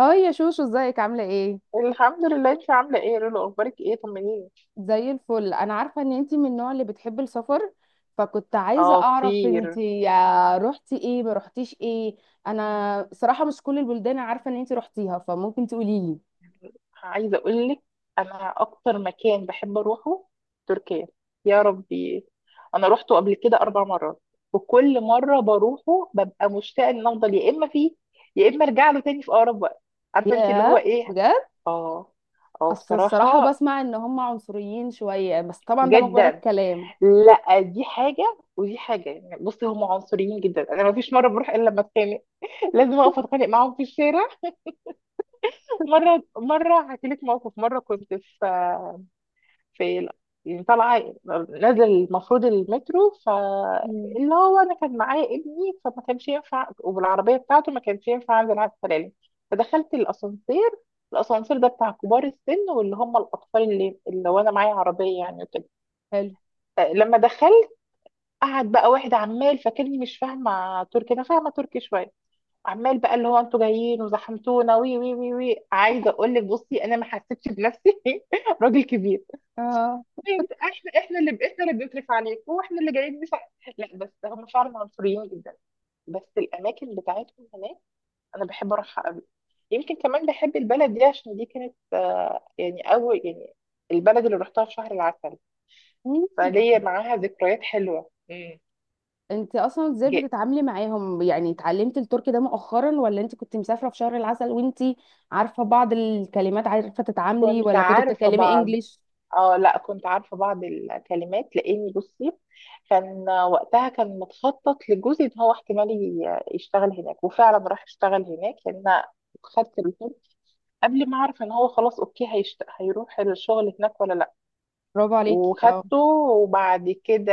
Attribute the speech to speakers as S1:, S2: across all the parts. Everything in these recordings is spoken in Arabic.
S1: هاي يا شوشو، ازيك عاملة ايه؟
S2: الحمد لله. انت عامله ايه يا لولو؟ اخبارك ايه؟ طمنيني.
S1: زي الفل. انا عارفة ان انتي من النوع اللي بتحب السفر، فكنت عايزة
S2: اه،
S1: اعرف
S2: كتير.
S1: انتي روحتي ايه ما روحتيش ايه. انا صراحة مش كل البلدان عارفة ان انتي روحتيها، فممكن تقوليلي.
S2: عايزه اقول لك، انا اكتر مكان بحب اروحه تركيا. يا ربي، انا روحته قبل كده 4 مرات، وكل مره بروحه ببقى مشتاقه ان افضل يا اما فيه، يا اما ارجع له تاني في اقرب وقت. عارفه انت اللي هو
S1: ياه،
S2: ايه؟
S1: بجد؟
S2: اه. اه،
S1: اصل الصراحة
S2: بصراحه.
S1: بسمع ان هم عنصريين شوية، بس طبعا ده مجرد
S2: جدا.
S1: كلام.
S2: لا، دي حاجه ودي حاجه، يعني بصي هم عنصريين جدا، انا ما فيش مره بروح الا لما اتخانق. لازم اقف اتخانق معاهم في الشارع. مرة هحكي لك موقف. مرة كنت في يعني طالعة، نازل المفروض المترو،
S1: مم.
S2: فاللي هو أنا كان معايا ابني، فما كانش ينفع، وبالعربية بتاعته ما كانش ينفع أنزل على السلالم. فدخلت الأسانسير. الأسانسير ده بتاع كبار السن، واللي هم الأطفال، اللي وأنا معايا عربية يعني وكده.
S1: حلو.
S2: لما دخلت، قعد بقى واحد عمال فاكرني مش فاهمة تركي، أنا فاهمة تركي شوية. عمال بقى اللي هو انتوا جايين وزحمتونا، وي وي وي وي. عايزه اقول لك بصي، انا ما حسيتش بنفسي. راجل كبير!
S1: اه.
S2: احنا اللي بنصرف عليك، واحنا اللي جايين، مش ع- لا، بس هم فعلا عنصريين جدا. بس الاماكن بتاعتهم هناك انا بحب اروحها قوي. يمكن كمان بحب البلد دي عشان دي كانت، يعني اول يعني البلد اللي رحتها في شهر العسل.
S1: مم.
S2: فليا معاها ذكريات حلوه. مم.
S1: انت اصلا ازاي
S2: ج-
S1: بتتعاملي معاهم؟ يعني اتعلمتي التركي ده مؤخرا، ولا انت كنت مسافره في شهر العسل وانت عارفه بعض الكلمات عارفه تتعاملي،
S2: كنت
S1: ولا كنت
S2: عارفه
S1: بتتكلمي
S2: بعض.
S1: انجليش؟
S2: اه، لا، كنت عارفة بعض الكلمات، لاني بصي، كان وقتها كان متخطط لجوزي ان هو احتمال يشتغل هناك، وفعلا راح اشتغل هناك، يعني انا خدت الكورس قبل ما اعرف ان هو خلاص اوكي، هيروح الشغل هناك ولا لا.
S1: برافو عليكي. اه.
S2: وخدته. وبعد كده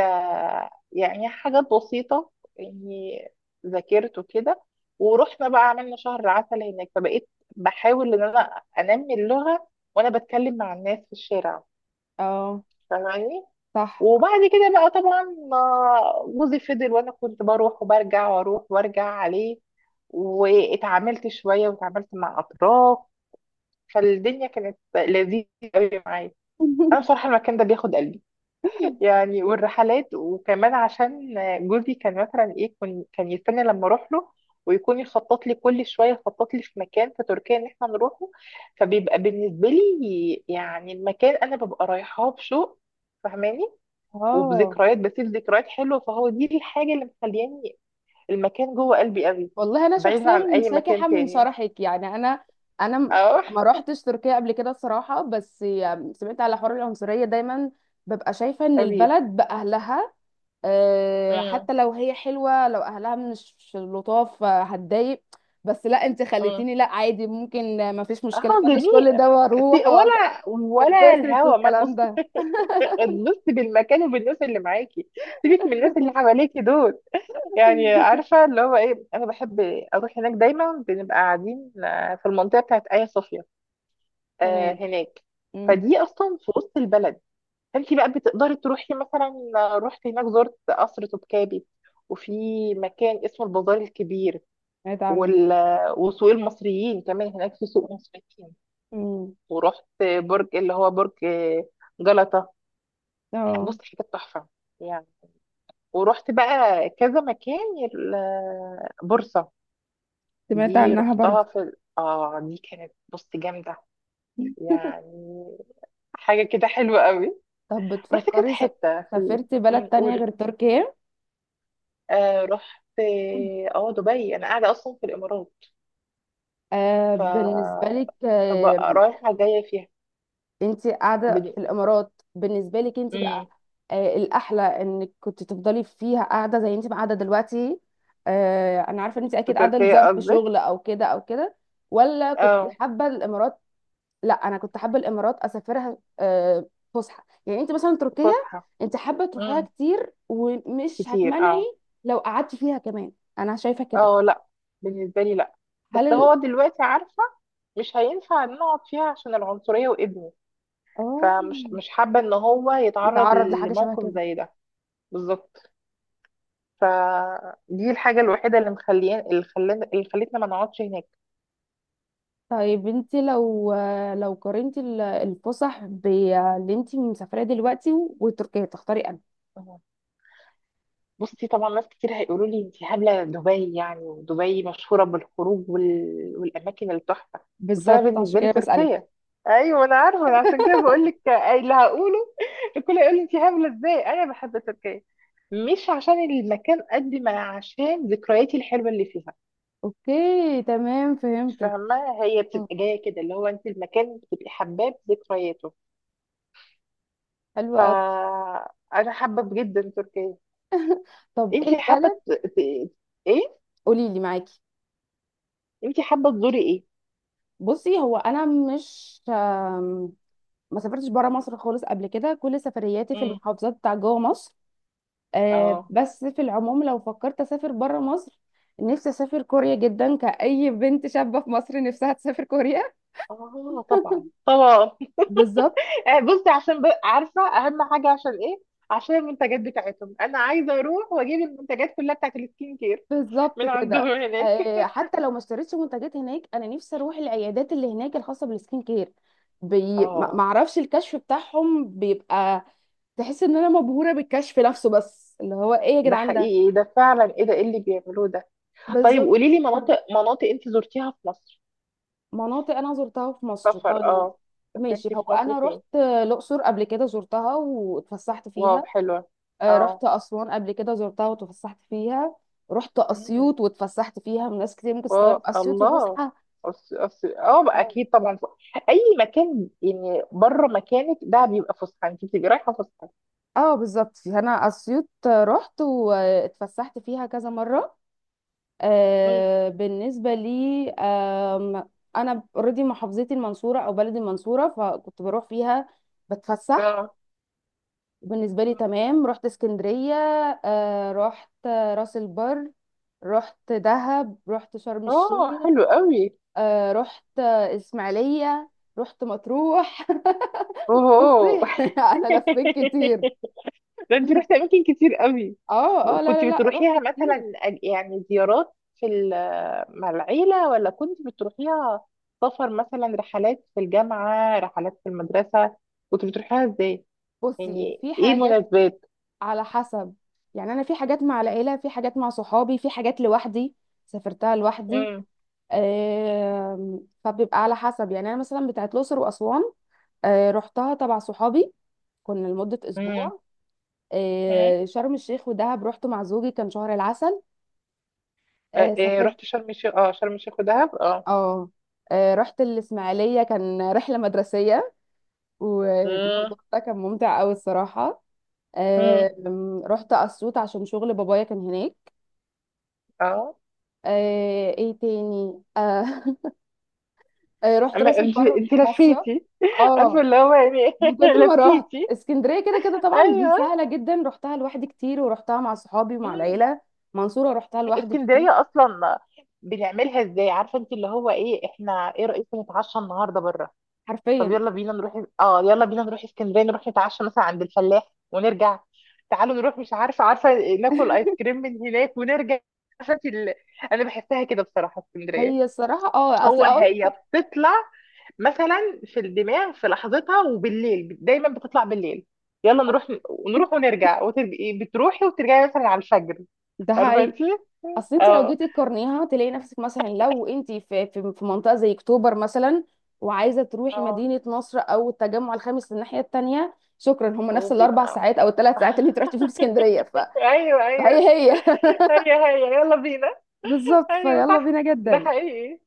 S2: يعني حاجات بسيطة، اني ذاكرت وكده. ورحنا بقى عملنا شهر عسل هناك، فبقيت بحاول ان انا انمي اللغة، وانا بتكلم مع الناس في الشارع
S1: اه،
S2: فاهماني.
S1: صح.
S2: وبعد كده بقى طبعا ما، جوزي فضل، وانا كنت بروح وبرجع واروح وارجع عليه، واتعاملت شويه واتعاملت مع اطراف، فالدنيا كانت لذيذه قوي معايا. انا بصراحه المكان ده بياخد قلبي، يعني. والرحلات وكمان عشان جوزي كان مثلا ايه، كان يستنى لما اروح له، ويكون يخطط لي كل شويه، يخطط لي في مكان في تركيا ان احنا نروحه. فبيبقى بالنسبه لي يعني المكان انا ببقى رايحاه بشوق، فاهماني،
S1: اه،
S2: وبذكريات، بسيب ذكريات حلوه، فهو دي الحاجه اللي مخلياني المكان جوه قلبي قوي،
S1: والله انا
S2: بعيد
S1: شخصيا
S2: عن اي
S1: منسكحه
S2: مكان
S1: من
S2: تاني
S1: شرحك، يعني انا م-
S2: اروح.
S1: ما روحتش تركيا قبل كده الصراحه، بس يعني سمعت على حوار العنصريه دايما ببقى شايفه ان
S2: ابي.
S1: البلد باهلها.
S2: امم
S1: حتى لو هي حلوة، لو أهلها مش لطاف هتضايق. بس لا، انت
S2: امم
S1: خليتيني، لا عادي ممكن مفيش
S2: اه،
S1: مشكلة، مش
S2: جميل.
S1: كل ده واروح
S2: ولا ولا
S1: واتبسط
S2: الهوا ما
S1: والكلام
S2: تبص.
S1: ده.
S2: تبص بالمكان وبالناس اللي معاكي، سيبك من الناس اللي حواليكي دول. يعني عارفه اللي هو ايه، انا بحب اروح هناك. دايما بنبقى قاعدين في المنطقه بتاعت ايا صوفيا،
S1: تمام.
S2: هناك.
S1: امم.
S2: فدي اصلا في وسط البلد، فانت بقى بتقدري تروحي مثلا. رحت هناك، زرت قصر توبكابي، وفي مكان اسمه البازار الكبير،
S1: سمعت عنه.
S2: وال... وسوق المصريين، كمان هناك في سوق مصريين.
S1: امم.
S2: ورحت برج اللي هو برج جلطة.
S1: اه.
S2: بص، حاجات تحفة يعني. ورحت بقى كذا مكان، بورصة.
S1: سمعت
S2: دي
S1: عنها
S2: رحتها
S1: برضو.
S2: في دي كانت بص جامدة يعني، حاجة كده حلوة قوي.
S1: طب،
S2: رحت كذا
S1: بتفكري
S2: حتة في،
S1: سافرتي بلد تانية
S2: قولي.
S1: غير تركيا؟
S2: آه، رحت دبي. انا قاعده اصلا في الامارات، ف،
S1: بالنسبة لك.
S2: فبقى رايحه جايه فيها.
S1: انت قاعده
S2: بد...
S1: في الامارات بالنسبه لك انت بقى.
S2: مم.
S1: الاحلى انك كنت تفضلي فيها قاعده زي انت ما قاعده دلوقتي. انا عارفه ان انت
S2: في
S1: اكيد قاعده
S2: تركيا
S1: لظرف
S2: قصدك؟
S1: شغل او كده او كده. ولا كنت
S2: اه.
S1: حابه الامارات؟ لا، انا كنت حابه الامارات اسافرها. فسحه، يعني انت مثلا تركيا
S2: فسحه.
S1: انت حابه تروحيها
S2: امم.
S1: كتير، ومش
S2: كتير، اه.
S1: هتمنعي لو قعدتي فيها كمان. انا شايفه كده.
S2: اه، لا. بالنسبه لي لا.
S1: هل
S2: بس
S1: ال...
S2: هو دلوقتي عارفه، مش هينفع نقعد فيها عشان العنصريه وابني.
S1: اه
S2: فمش مش حابه ان هو يتعرض
S1: يتعرض لحاجه شبه
S2: لموقف
S1: كده.
S2: زي ده. بالظبط. فدي الحاجه الوحيده اللي مخليان اللي خلان اللي خلتنا ما نقعدش هناك.
S1: طيب، انت لو قارنتي الفسح باللي انت مسافراه دلوقتي وتركيا، تختاري انهي؟
S2: بصي طبعا، ناس كتير هيقولوا لي انت هبله، دبي يعني، ودبي مشهوره بالخروج والاماكن التحفه، بس انا
S1: بالظبط، عشان
S2: بالنسبه لي
S1: كده بسألك.
S2: تركيا. ايوه انا عارفه، أنا عشان كده بقول لك اللي هقوله. الكل يقول لي انت هبله ازاي انا بحب تركيا، مش عشان المكان قد ما عشان ذكرياتي الحلوه اللي فيها.
S1: اوكي، تمام، فهمتك.
S2: فاهمه، هي
S1: مم.
S2: بتبقى جايه كده اللي هو انت المكان بتبقي حباه بذكرياته.
S1: حلو قوي.
S2: فانا حابه جدا تركيا.
S1: طب ايه
S2: انت حابه
S1: البلد؟
S2: ايه،
S1: قولي لي معاكي.
S2: انت حابه تزوري
S1: بصي، هو انا مش ما سافرتش بره مصر خالص قبل كده، كل سفرياتي في
S2: ايه؟
S1: المحافظات بتاع جوه مصر.
S2: اه،
S1: بس في العموم لو فكرت اسافر بره مصر، نفسي اسافر كوريا جدا، كأي بنت شابة في مصر نفسها تسافر كوريا.
S2: اه طبعا طبعا.
S1: بالظبط.
S2: بصي، عشان عارفه اهم حاجه عشان ايه؟ عشان المنتجات بتاعتهم. انا عايزه اروح واجيب المنتجات كلها بتاعت السكين كير
S1: بالظبط
S2: من
S1: كده.
S2: عندهم هناك.
S1: حتى لو ما اشتريتش منتجات هناك، انا نفسي اروح العيادات اللي هناك الخاصه بالسكين كير. ما
S2: اه،
S1: اعرفش الكشف بتاعهم بيبقى تحس ان انا مبهوره بالكشف نفسه، بس اللي هو ايه يا
S2: ده
S1: جدعان ده.
S2: حقيقي، ده فعلا ايه ده، ايه اللي بيعملوه ده؟ طيب
S1: بالظبط.
S2: قولي لي، مناطق انت زرتيها في مصر.
S1: مناطق انا زرتها في مصر،
S2: سفر،
S1: طيب،
S2: اه.
S1: ماشي.
S2: سافرتي في
S1: هو
S2: مصر
S1: انا رحت
S2: فين؟
S1: الاقصر قبل كده، زرتها واتفسحت
S2: واو،
S1: فيها.
S2: حلوه. اه.
S1: رحت اسوان قبل كده، زرتها واتفسحت فيها. رحت
S2: مم.
S1: اسيوط واتفسحت فيها، من ناس كتير ممكن تستغرب
S2: اه،
S1: اسيوط
S2: الله.
S1: وفسحه.
S2: أص... أص... اه بقى اكيد طبعا، اي مكان يعني بره مكانك ده بيبقى فسحه، انت بتبقي رايحه فسحه.
S1: اه، بالظبط، انا اسيوط رحت واتفسحت فيها كذا مره.
S2: مم.
S1: بالنسبه لي انا اوريدي محافظتي المنصوره، او بلدي المنصوره، فكنت بروح فيها بتفسح.
S2: اه.
S1: بالنسبه لي تمام. رحت اسكندريه. رحت راس البر، رحت دهب، رحت شرم
S2: اه،
S1: الشيخ.
S2: حلو قوي.
S1: رحت اسماعيليه، رحت مطروح.
S2: اوه.
S1: بصي، انا لفيت كتير.
S2: ده انت رحت اماكن كتير قوي!
S1: اه اه، لا
S2: كنت
S1: لا لا، رحت
S2: بتروحيها
S1: كتير.
S2: مثلا، يعني زيارات مع العيله، ولا كنت بتروحيها سفر؟ مثلا رحلات في الجامعه، رحلات في المدرسه؟ كنت بتروحيها ازاي؟
S1: بصي،
S2: يعني
S1: في
S2: ايه
S1: حاجات
S2: المناسبات؟
S1: على حسب. يعني انا، في حاجات مع العيله، في حاجات مع صحابي، في حاجات لوحدي سافرتها لوحدي. فبيبقى على حسب. يعني انا مثلا بتاعت الاقصر واسوان رحتها تبع صحابي، كنا لمده
S2: امم
S1: اسبوع. شرم الشيخ ودهب رحت مع زوجي، كان شهر العسل.
S2: آه، إيه
S1: سافرت
S2: رحت شرم الشيخ؟ اه، شرم الشيخ ودهب، اه.
S1: اه رحت الاسماعيليه كان رحله مدرسيه،
S2: مم.
S1: والموضوع ده كان ممتع قوي الصراحه.
S2: مم.
S1: رحت اسيوط عشان شغل بابايا كان هناك.
S2: اه.
S1: ايه تاني؟ رحت
S2: اما
S1: راس
S2: انت
S1: البر
S2: انت
S1: مصيف.
S2: لفيتي!
S1: اه،
S2: عارفه اللي هو يعني.
S1: من كتر ما رحت
S2: لفيتي.
S1: اسكندريه كده كده طبعا، دي
S2: ايوه.
S1: سهله جدا، رحتها لوحدي كتير ورحتها مع صحابي ومع
S2: مم.
S1: العيله. منصوره رحتها لوحدي كتير.
S2: اسكندريه اصلا بنعملها ازاي، عارفه انت اللي هو ايه؟ احنا ايه رايكم نتعشى النهارده بره؟ طب
S1: حرفيا.
S2: يلا بينا نروح. اه يلا بينا نروح اسكندريه، نروح نتعشى مثلا عند الفلاح ونرجع. تعالوا نروح، مش عارفه، عارفه، ناكل ايس كريم من هناك ونرجع. عارفه انت انا بحسها كده بصراحه،
S1: هي
S2: اسكندريه.
S1: الصراحه، اصل
S2: هو
S1: اقول
S2: هي بتطلع مثلا في الدماغ في لحظتها، وبالليل، دايما بتطلع بالليل. يلا نروح، نروح ونرجع، وتبقي بتروحي وترجعي مثلا على الفجر.
S1: ده.
S2: عارفه
S1: هي،
S2: انت.
S1: اصل انت لو
S2: اه.
S1: جيتي تقارنيها تلاقي نفسك، مثلا لو انت في منطقه زي اكتوبر مثلا، وعايزه تروحي
S2: اه،
S1: مدينه نصر او التجمع الخامس للناحيه التانيه، شكرا، هم نفس الاربع
S2: وبيبقى.
S1: ساعات او 3 ساعات اللي انت رحتي فيهم اسكندريه.
S2: ايوه، ايوه.
S1: هي هي.
S2: هي، هي يلا بينا.
S1: بالظبط،
S2: ايوه
S1: فيلا بينا
S2: صح، ده
S1: جدا.
S2: حقيقي.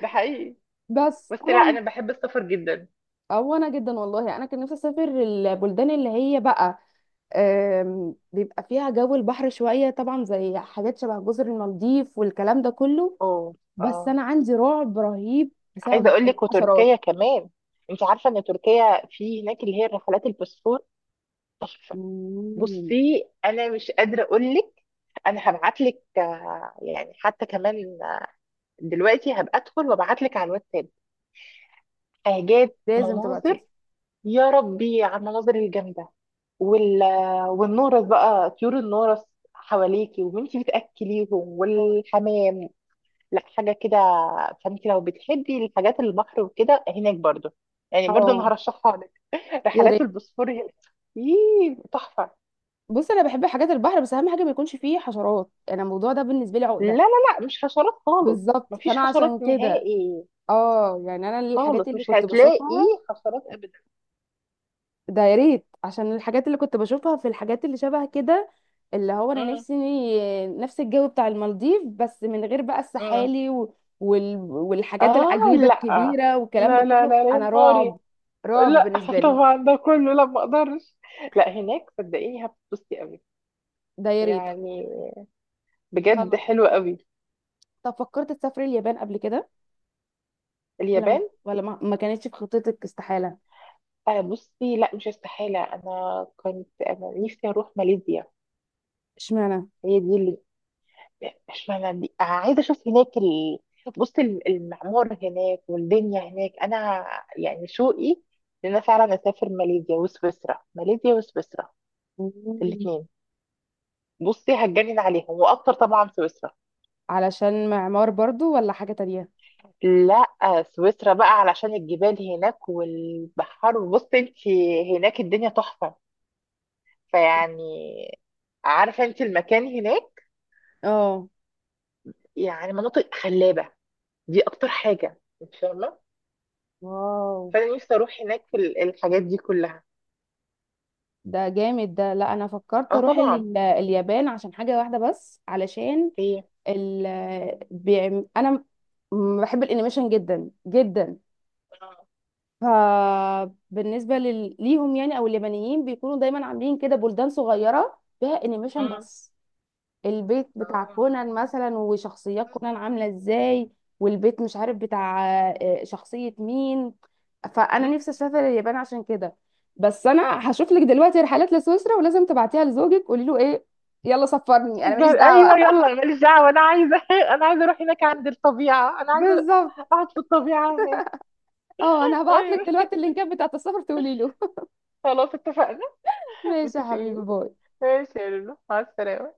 S2: ده حقيقي.
S1: بس
S2: بس لا،
S1: طبعا.
S2: انا بحب السفر جدا.
S1: او انا جدا، والله انا كان نفسي اسافر البلدان اللي هي بقى بيبقى فيها جو البحر شويه، طبعا زي حاجات شبه جزر المالديف والكلام ده كله،
S2: اوه.
S1: بس
S2: اه.
S1: انا عندي رعب رهيب
S2: عايزه
S1: بسبب
S2: اقول لك،
S1: الحشرات.
S2: وتركيا كمان. انت عارفه ان تركيا في هناك اللي هي الرحلات الباسفور.
S1: مم.
S2: بصي انا مش قادره اقول لك، انا هبعت لك، يعني حتى كمان دلوقتي هبقى ادخل وابعت لك على الواتساب حاجات،
S1: لازم تبقى تيجي.
S2: مناظر. يا ربي على المناظر الجامده! وال والنورس بقى، طيور النورس حواليكي وانتي بتاكليهم،
S1: اه.
S2: والحمام، لا حاجه كده. فانت لو بتحبي الحاجات البحر وكده، هناك برضو يعني، برضو
S1: آه،
S2: انا هرشحها لك.
S1: يا
S2: رحلات
S1: ريت.
S2: البوسفور هناك، تحفه.
S1: بص، انا بحب حاجات البحر، بس اهم حاجه ما يكونش فيه حشرات، انا الموضوع ده بالنسبه لي
S2: لا
S1: عقده.
S2: لا لا، مش حشرات خالص.
S1: بالظبط،
S2: مفيش
S1: فانا عشان
S2: حشرات
S1: كده
S2: نهائي.
S1: اه، يعني انا الحاجات
S2: خالص
S1: اللي
S2: مش
S1: كنت
S2: هتلاقي
S1: بشوفها،
S2: حشرات ابدا.
S1: ده يا ريت، عشان الحاجات اللي كنت بشوفها في الحاجات اللي شبه كده، اللي هو انا
S2: مم.
S1: نفسي نفس الجو بتاع المالديف، بس من غير بقى
S2: مم.
S1: السحالي والحاجات
S2: اه،
S1: العجيبة
S2: لا.
S1: الكبيرة والكلام ده
S2: لا لا
S1: كله،
S2: لا، يا
S1: انا
S2: نهاري!
S1: رعب. رعب
S2: لا،
S1: بالنسبة لي.
S2: طبعا ده كله، لا ما اقدرش. لا، هناك صدقيني هتبسطي قوي
S1: ده يا ريت.
S2: يعني، بجد
S1: خلاص.
S2: حلو قوي.
S1: طب، فكرت تسافري اليابان قبل كده، ولا ما
S2: اليابان؟
S1: ولا ما, ما كانتش في خطتك؟ استحالة.
S2: آه بصي، لا مش استحالة. انا كنت، انا نفسي اروح ماليزيا.
S1: اشمعنى.
S2: هي دي. اشمعنى دي؟ عايزه اشوف هناك بص، المعمار هناك والدنيا هناك، انا يعني شوقي ان انا فعلا اسافر ماليزيا وسويسرا، ماليزيا وسويسرا،
S1: مم.
S2: الاثنين. بصي هتجنن عليهم، واكتر طبعا سويسرا.
S1: علشان معمار برضو ولا حاجة تانية؟
S2: لا، سويسرا بقى علشان الجبال هناك والبحر. بصي انت، هناك الدنيا تحفه، فيعني، عارفه انت المكان هناك
S1: اه.
S2: يعني مناطق خلابه، دي اكتر حاجه انت فاهمه.
S1: واو.
S2: فانا نفسي اروح هناك في الحاجات دي كلها.
S1: ده جامد. ده، لا انا فكرت
S2: اه
S1: اروح
S2: طبعا.
S1: اليابان عشان حاجه واحده بس، علشان
S2: ايه.
S1: ال انا بحب الانيميشن جدا جدا.
S2: اه.
S1: فبالنسبه ليهم، يعني، او اليابانيين بيكونوا دايما عاملين كده بلدان صغيره فيها انيميشن
S2: مم.
S1: بس، البيت بتاع
S2: اه.
S1: كونان مثلا وشخصيات كونان عاملة ازاي، والبيت مش عارف بتاع شخصية مين. فأنا
S2: مم.
S1: نفسي أسافر اليابان عشان كده. بس أنا هشوف لك دلوقتي رحلات لسويسرا، ولازم تبعتيها لزوجك، قولي له إيه، يلا سفرني أنا ماليش
S2: قال
S1: دعوة.
S2: ايوه، يلا أنا ماليش دعوه، انا عايزه، انا عايزه اروح هناك عند الطبيعه، انا عايزه
S1: بالظبط.
S2: اقعد في الطبيعه هناك.
S1: اه، أنا هبعت لك
S2: ايوه.
S1: دلوقتي اللينكات بتاعت السفر تقولي له.
S2: خلاص، اتفقنا.
S1: ماشي يا
S2: متفقين.
S1: حبيبي، باي.
S2: ماشي يا لولو، مع السلامه.